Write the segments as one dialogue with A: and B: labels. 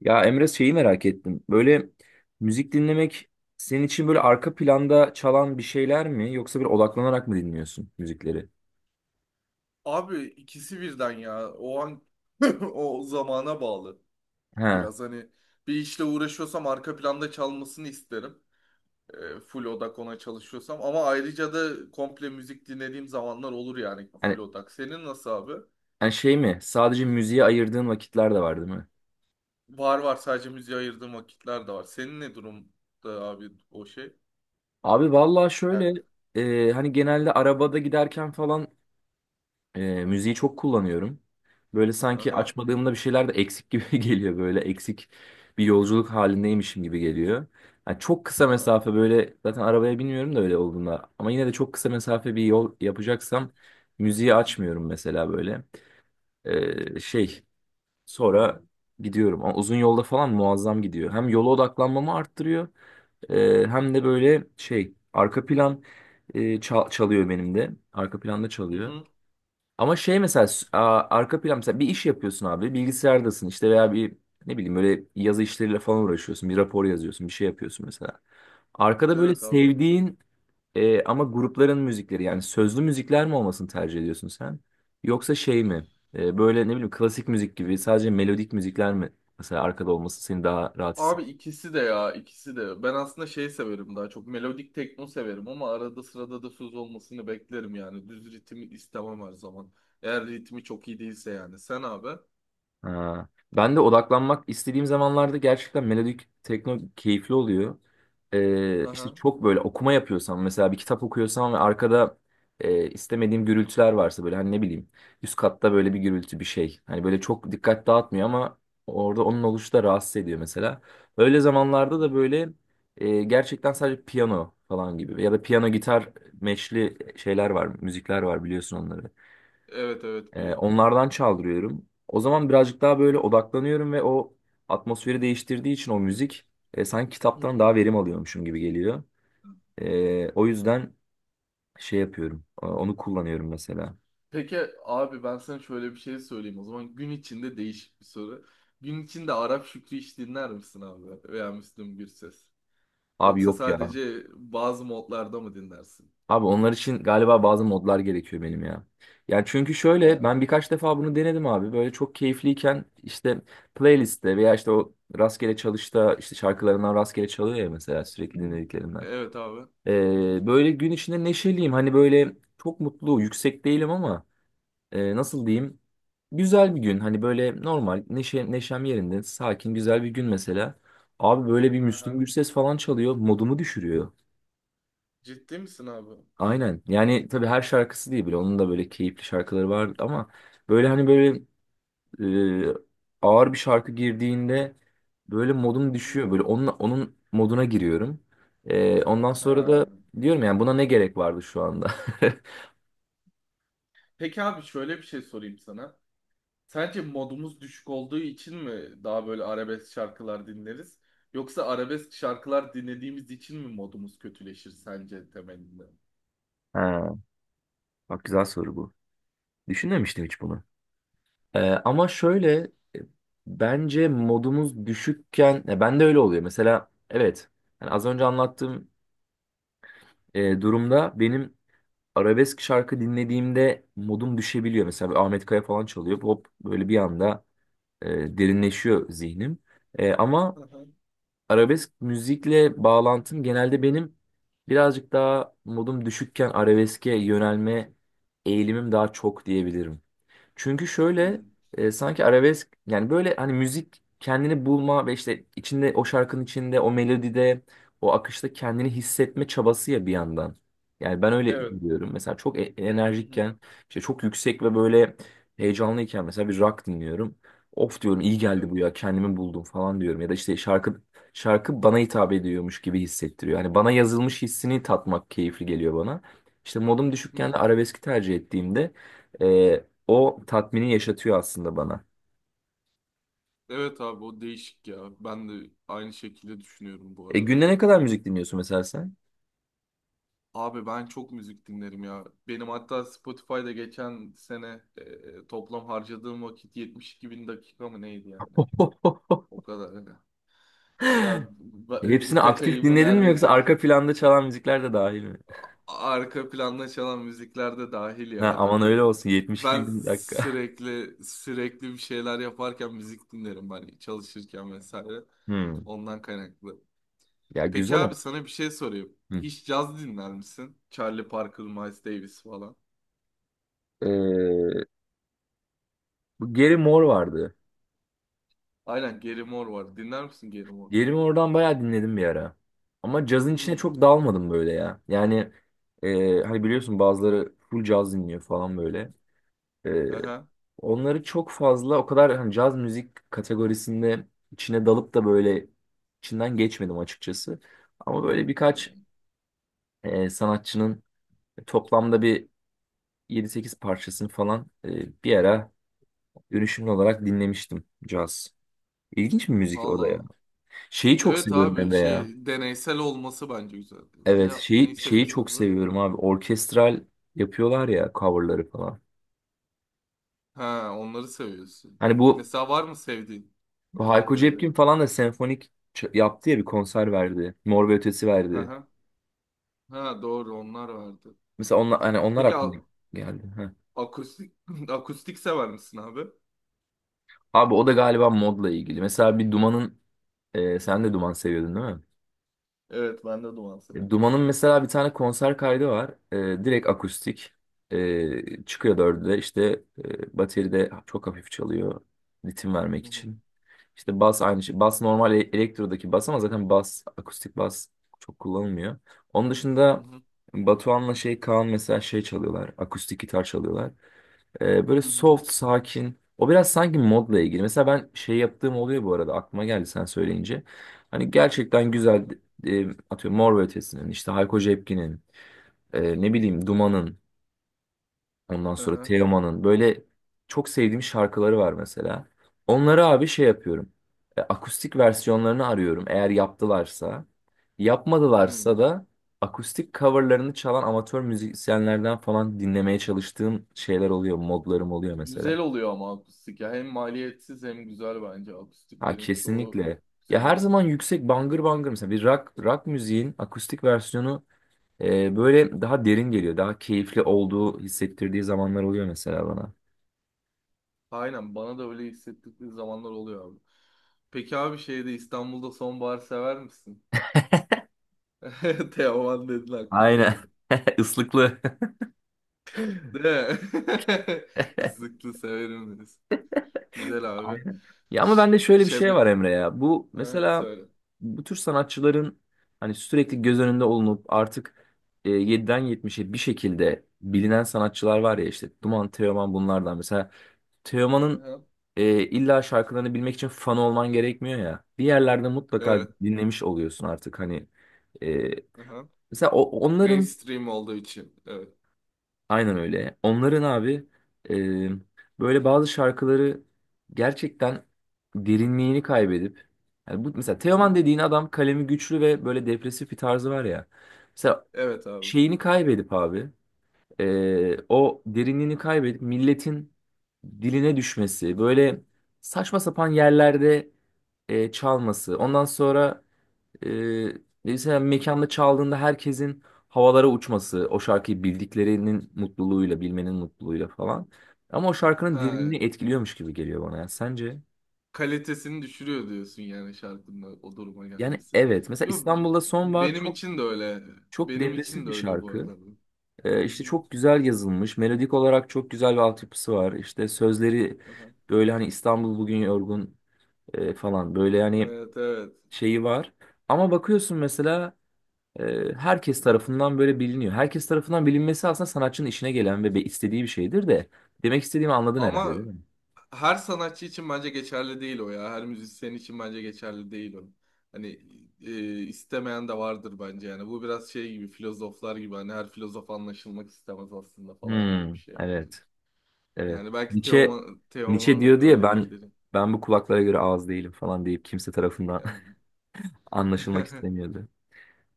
A: Ya Emre şeyi merak ettim. Böyle müzik dinlemek senin için böyle arka planda çalan bir şeyler mi yoksa bir odaklanarak mı dinliyorsun müzikleri?
B: Abi ikisi birden ya. O an o zamana bağlı.
A: Ha.
B: Biraz hani bir işle uğraşıyorsam arka planda çalmasını isterim. Full odak ona çalışıyorsam. Ama ayrıca da komple müzik dinlediğim zamanlar olur yani full
A: Hani,
B: odak. Senin nasıl abi?
A: hani şey mi? Sadece müziğe ayırdığın vakitler de var değil mi?
B: Var var, sadece müziğe ayırdığım vakitler de var. Senin ne durumda abi o şey?
A: Abi vallahi
B: Yani.
A: şöyle hani genelde arabada giderken falan müziği çok kullanıyorum. Böyle sanki
B: Aha.
A: açmadığımda bir şeyler de eksik gibi geliyor. Böyle eksik bir
B: Hı.
A: yolculuk halindeymişim gibi geliyor. Yani çok kısa
B: Aha.
A: mesafe böyle zaten arabaya binmiyorum da öyle olduğunda. Ama yine de çok kısa mesafe bir yol yapacaksam müziği
B: Hı.
A: açmıyorum mesela böyle. Şey sonra gidiyorum. Ama uzun yolda falan muazzam gidiyor. Hem yola odaklanmamı arttırıyor hem de böyle şey arka plan çalıyor benim de. Arka planda
B: Hı.
A: çalıyor.
B: Hı.
A: Ama şey mesela arka plan mesela bir iş yapıyorsun abi bilgisayardasın işte veya bir ne bileyim böyle yazı işleriyle falan uğraşıyorsun bir rapor yazıyorsun bir şey yapıyorsun mesela. Arkada böyle
B: Evet abi.
A: sevdiğin ama grupların müzikleri yani sözlü müzikler mi olmasını tercih ediyorsun sen? Yoksa şey mi? Böyle ne bileyim klasik müzik gibi sadece melodik müzikler mi mesela arkada olması seni daha rahat?
B: Abi ikisi de ya, ikisi de. Ben aslında şey severim, daha çok melodik tekno severim ama arada sırada da söz olmasını beklerim yani. Düz ritmi istemem her zaman. Eğer ritmi çok iyi değilse yani. Sen abi?
A: Ha. Ben de odaklanmak istediğim zamanlarda gerçekten melodik tekno keyifli oluyor. İşte
B: Aha.
A: çok böyle okuma yapıyorsam mesela bir kitap okuyorsam ve arkada istemediğim gürültüler varsa böyle hani ne bileyim üst katta böyle bir gürültü bir şey. Hani böyle çok dikkat dağıtmıyor ama orada onun oluşu da rahatsız ediyor mesela. Öyle zamanlarda da
B: Ha.
A: böyle gerçekten sadece piyano falan gibi ya da piyano gitar meşli şeyler var müzikler var biliyorsun onları.
B: Evet, evet biliyorum.
A: Onlardan çaldırıyorum. O zaman birazcık daha böyle
B: Ha.
A: odaklanıyorum ve o atmosferi değiştirdiği için o müzik sanki
B: Hı
A: kitaptan
B: hı.
A: daha verim alıyormuşum gibi geliyor. O yüzden şey yapıyorum. Onu kullanıyorum mesela.
B: Peki abi, ben sana şöyle bir şey söyleyeyim o zaman. Gün içinde değişik bir soru. Gün içinde Arap Şükrü hiç dinler misin abi? Veya Müslüm Gürses?
A: Abi
B: Yoksa
A: yok ya.
B: sadece bazı modlarda mı dinlersin?
A: Abi onlar için galiba bazı modlar gerekiyor benim ya. Yani çünkü şöyle
B: Evet.
A: ben birkaç defa bunu denedim abi. Böyle çok keyifliyken işte playlistte veya işte o rastgele çalışta işte şarkılarından rastgele çalıyor ya mesela sürekli dinlediklerimden.
B: Evet abi. Hı hı.
A: Böyle gün içinde neşeliyim. Hani böyle çok mutlu, yüksek değilim ama nasıl diyeyim? Güzel bir gün. Hani böyle normal, neşe, neşem yerinde, sakin, güzel bir gün mesela. Abi böyle bir Müslüm
B: Aha.
A: Gürses falan çalıyor. Modumu düşürüyor.
B: Ciddi misin abi?
A: Aynen. Yani tabii her şarkısı değil bile. Onun da böyle keyifli şarkıları var ama böyle hani böyle e, ağır bir şarkı girdiğinde böyle modum
B: Hı.
A: düşüyor. Böyle onun moduna giriyorum. E, ondan sonra da
B: Ha.
A: diyorum yani buna ne gerek vardı şu anda?
B: Peki abi, şöyle bir şey sorayım sana. Sence modumuz düşük olduğu için mi daha böyle arabesk şarkılar dinleriz? Yoksa arabesk şarkılar dinlediğimiz için mi modumuz kötüleşir sence temelinde?
A: Ha, bak güzel soru bu. Düşünmemiştim hiç bunu. Ama şöyle, bence modumuz düşükken ya ben de öyle oluyor. Mesela evet, yani az önce anlattığım durumda benim arabesk şarkı dinlediğimde modum düşebiliyor. Mesela bir Ahmet Kaya falan çalıyor. Hop böyle bir anda e, derinleşiyor zihnim. E, ama
B: Hı hı.
A: arabesk müzikle bağlantım genelde benim birazcık daha modum düşükken arabeske yönelme eğilimim daha çok diyebilirim. Çünkü şöyle
B: Hmm.
A: sanki arabesk yani böyle hani müzik kendini bulma ve işte içinde o şarkının içinde o melodide o akışta kendini hissetme çabası ya bir yandan. Yani ben öyle
B: Evet.
A: biliyorum. Mesela çok
B: Hı hı.
A: enerjikken işte çok yüksek ve böyle heyecanlıyken mesela bir rock dinliyorum. Of diyorum iyi geldi
B: Evet.
A: bu ya kendimi buldum falan diyorum. Ya da işte şarkı bana hitap ediyormuş gibi hissettiriyor. Yani bana yazılmış hissini tatmak keyifli geliyor bana. İşte modum düşükken de
B: Hmm.
A: arabeski tercih ettiğimde e, o tatmini yaşatıyor aslında bana.
B: Evet abi, o değişik ya. Ben de aynı şekilde düşünüyorum bu
A: E
B: arada.
A: günde ne kadar müzik dinliyorsun mesela sen?
B: Abi ben çok müzik dinlerim ya. Benim hatta Spotify'da geçen sene toplam harcadığım vakit 72 bin dakika mı neydi yani? O kadar hani. Ya
A: Hepsini
B: birkaç
A: aktif
B: ayımı
A: dinledin mi yoksa
B: neredeyse
A: arka planda çalan müzikler de dahil mi?
B: arka planda çalan müzikler de dahil
A: Ha,
B: ya,
A: aman
B: tabii
A: öyle
B: yani.
A: olsun, 72
B: Ben
A: bin dakika.
B: sürekli sürekli bir şeyler yaparken müzik dinlerim hani, çalışırken vesaire.
A: Hmm.
B: Ondan kaynaklı.
A: Ya
B: Peki
A: güzel
B: abi,
A: ama.
B: sana bir şey sorayım.
A: Hmm.
B: Hiç caz dinler misin? Charlie Parker, Miles Davis falan.
A: Ee, bu Gary Moore vardı.
B: Aynen, Gary Moore var. Dinler misin Gary Moore?
A: Gary Moore'dan bayağı dinledim bir ara. Ama cazın içine
B: Hmm.
A: çok dalmadım böyle ya. Yani hani biliyorsun bazıları full caz dinliyor falan böyle. E,
B: Aha.
A: onları çok fazla o kadar hani caz müzik kategorisinde içine dalıp da böyle içinden geçmedim açıkçası. Ama böyle birkaç sanatçının toplamda bir yedi sekiz parçasını falan bir ara dönüşümlü olarak dinlemiştim caz. İlginç bir müzik o
B: Allah
A: da ya.
B: Allah.
A: Şeyi çok
B: Evet
A: seviyorum
B: abi,
A: Emre ya.
B: şey deneysel olması bence güzel. Ne
A: Evet
B: neyi
A: şeyi
B: seviyorsun
A: çok
B: abi?
A: seviyorum abi. Orkestral yapıyorlar ya coverları falan.
B: Ha, onları seviyorsun.
A: Hani bu
B: Mesela var mı sevdiğin?
A: bu
B: Örnek
A: Hayko
B: verebilirim.
A: Cepkin falan da senfonik yaptı ya bir konser verdi. Mor ve Ötesi verdi.
B: Aha. Ha, doğru, onlar vardı.
A: Mesela onlar, hani onlar
B: Peki
A: aklıma geldi. Heh.
B: akustik sever misin abi?
A: Abi o da galiba modla ilgili. Mesela bir Duman'ın sen de Duman seviyordun değil mi?
B: Evet, ben de duman
A: E,
B: severim abi.
A: Duman'ın mesela bir tane konser kaydı var. E, direkt akustik. E, çıkıyor dörde işte bateride çok hafif çalıyor. Ritim vermek
B: Hı hı.
A: için. İşte bas aynı şey. Bas normal elektrodaki bas ama zaten bas akustik bas çok kullanılmıyor. Onun
B: Hı
A: dışında
B: hı.
A: Batuhan'la şey Kaan mesela şey çalıyorlar. Akustik gitar çalıyorlar. Böyle
B: Hı hı.
A: soft, sakin. O biraz sanki modla ilgili. Mesela ben şey yaptığım oluyor bu arada. Aklıma geldi sen söyleyince. Hani gerçekten
B: Aha.
A: güzel atıyorum Mor ve Ötesi'nin, işte Hayko Cepkin'in, ne bileyim Duman'ın, ondan sonra
B: Aha.
A: Teoman'ın böyle çok sevdiğim şarkıları var mesela. Onları abi şey yapıyorum. E, akustik versiyonlarını arıyorum eğer yaptılarsa.
B: Hı hı. Hı
A: Yapmadılarsa
B: hı.
A: da akustik coverlarını çalan amatör müzisyenlerden falan dinlemeye çalıştığım şeyler oluyor, modlarım oluyor mesela.
B: Güzel oluyor ama akustik ya. Hem maliyetsiz hem güzel bence.
A: Ha
B: Akustiklerin çoğu
A: kesinlikle. Ya
B: güzel
A: her
B: oluyor.
A: zaman yüksek bangır bangır mesela bir rock müziğin akustik versiyonu böyle daha derin geliyor. Daha keyifli olduğu hissettirdiği zamanlar oluyor mesela bana.
B: Aynen, bana da öyle hissettikleri zamanlar oluyor abi. Peki abi, şeyde İstanbul'da sonbahar sever misin? Teoman dedin, aklıma
A: Aynen.
B: geldi.
A: Islıklı.
B: Değil mi? Islıklı severim deriz. Güzel abi.
A: Aynen. Ya ama
B: Ş-
A: bende şöyle bir şey
B: Şem...
A: var Emre ya. Bu
B: Ha,
A: mesela
B: söyle.
A: bu tür sanatçıların hani sürekli göz önünde olunup artık 7'den 70'e bir şekilde bilinen sanatçılar var ya işte Duman Teoman bunlardan mesela Teoman'ın
B: Aha.
A: illa şarkılarını bilmek için fan olman gerekmiyor ya. Bir yerlerde mutlaka
B: Evet.
A: dinlemiş oluyorsun artık hani. E,
B: Aha.
A: mesela onların
B: Mainstream olduğu için. Evet.
A: aynen öyle. Onların abi böyle bazı şarkıları gerçekten derinliğini kaybedip yani bu mesela
B: Hı
A: Teoman
B: hı.
A: dediğin adam kalemi güçlü ve böyle depresif bir tarzı var ya. Mesela
B: Evet abi.
A: şeyini kaybedip abi o derinliğini kaybedip milletin diline düşmesi, böyle saçma sapan yerlerde çalması, ondan sonra e, mesela mekanda çaldığında herkesin havalara uçması, o şarkıyı bildiklerinin mutluluğuyla, bilmenin mutluluğuyla falan. Ama o şarkının
B: Ha,
A: derinliğini etkiliyormuş gibi geliyor bana. Yani sence?
B: kalitesini düşürüyor diyorsun yani, şarkının o duruma
A: Yani
B: gelmesi.
A: evet. Mesela
B: Yo,
A: İstanbul'da Son var,
B: benim
A: çok
B: için de öyle.
A: çok
B: Benim
A: depresif
B: için de
A: bir
B: öyle bu
A: şarkı.
B: arada. Bu. Hı
A: İşte
B: hı.
A: çok güzel yazılmış. Melodik olarak çok güzel bir altyapısı var. İşte sözleri
B: Aha.
A: böyle hani İstanbul bugün yorgun falan böyle yani
B: Evet, evet.
A: şeyi var. Ama bakıyorsun mesela herkes tarafından böyle biliniyor. Herkes tarafından bilinmesi aslında sanatçının işine gelen ve istediği bir şeydir de. Demek istediğimi anladın herhalde
B: Ama
A: değil mi?
B: her sanatçı için bence geçerli değil o ya. Her müzisyen için bence geçerli değil o. Hani istemeyen de vardır bence yani. Bu biraz şey gibi, filozoflar gibi, hani her filozof anlaşılmak istemez aslında falan gibi
A: Hmm,
B: bir şey bence.
A: evet. Evet.
B: Yani belki
A: Nietzsche
B: Teoman,
A: Nietzsche diyor diye
B: Öyle
A: ben
B: değildir. Hı
A: ben bu kulaklara göre
B: hı.
A: ağız değilim falan deyip kimse tarafından
B: Yani.
A: anlaşılmak istemiyordu.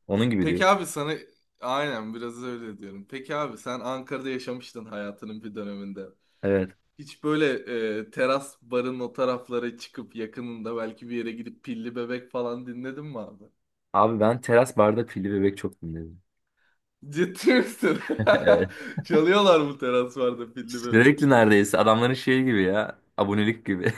A: Onun gibi diyor.
B: Peki abi sana aynen, biraz öyle diyorum. Peki abi, sen Ankara'da yaşamıştın hayatının bir döneminde.
A: Evet.
B: Hiç böyle teras barın o taraflara çıkıp yakınında belki bir yere gidip pilli bebek falan dinledin mi abi?
A: Abi ben teras barda Pilli Bebek çok dinledim.
B: Ciddi misin?
A: Evet.
B: Çalıyorlar bu teras barda pilli bebek.
A: Sürekli neredeyse adamların şeyi gibi ya. Abonelik gibi.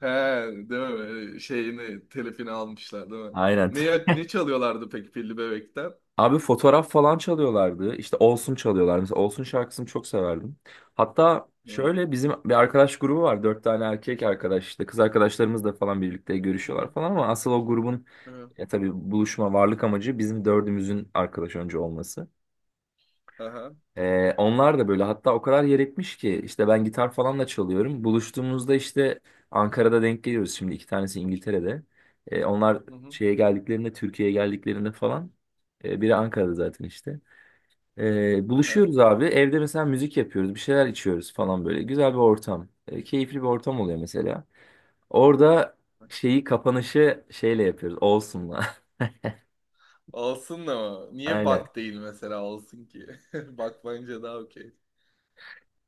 B: He, değil mi? Böyle şeyini, telifini almışlar değil mi?
A: Aynen.
B: Ne çalıyorlardı peki pilli bebekten?
A: Abi fotoğraf falan çalıyorlardı. İşte Olsun çalıyorlar. Mesela Olsun şarkısını çok severdim. Hatta
B: Hı.
A: şöyle bizim bir arkadaş grubu var. Dört tane erkek arkadaş işte. Kız arkadaşlarımız da falan birlikte
B: Hı hı.
A: görüşüyorlar falan ama asıl o grubun
B: Hı.
A: tabii buluşma varlık amacı bizim dördümüzün arkadaş önce olması.
B: Aha.
A: Onlar da böyle hatta o kadar yer etmiş ki işte ben gitar falan da çalıyorum. Buluştuğumuzda işte Ankara'da denk geliyoruz şimdi iki tanesi İngiltere'de. Onlar
B: Hı hı.
A: şeye geldiklerinde Türkiye'ye geldiklerinde falan biri Ankara'da zaten işte.
B: Aha.
A: Buluşuyoruz abi evde mesela müzik yapıyoruz bir şeyler içiyoruz falan böyle güzel bir ortam. Keyifli bir ortam oluyor mesela. Orada şeyi kapanışı şeyle yapıyoruz Olsun'la.
B: Olsun, ama niye
A: Aynen.
B: bak değil mesela, olsun ki? Bak, bence daha okey.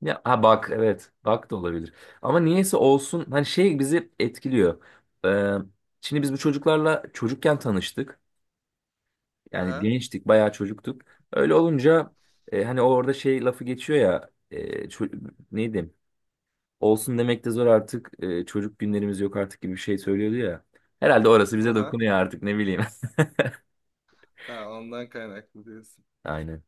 A: Ya ha bak evet bak da olabilir. Ama niyeyse olsun hani şey bizi etkiliyor. Ee, şimdi biz bu çocuklarla çocukken tanıştık. Yani
B: Aha,
A: gençtik bayağı çocuktuk. Öyle olunca hani orada şey lafı geçiyor ya neydi? Olsun demek de zor artık çocuk günlerimiz yok artık gibi bir şey söylüyordu ya. Herhalde orası bize
B: aha.
A: dokunuyor artık ne bileyim.
B: Ha, ondan kaynaklı diyorsun.
A: Aynen.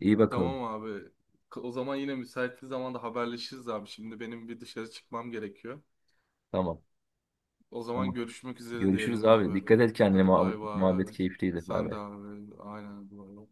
A: İyi bakalım.
B: Tamam abi. O zaman yine müsait bir zamanda haberleşiriz abi. Şimdi benim bir dışarı çıkmam gerekiyor.
A: Tamam.
B: O
A: Tamam.
B: zaman görüşmek üzere
A: Görüşürüz
B: diyelim
A: abi.
B: abi.
A: Dikkat et kendine.
B: Hadi bay
A: Muhabbet,
B: bay.
A: muhabbet keyifliydi. Bay
B: Sen de
A: bay.
B: abi. Aynen, bay bay.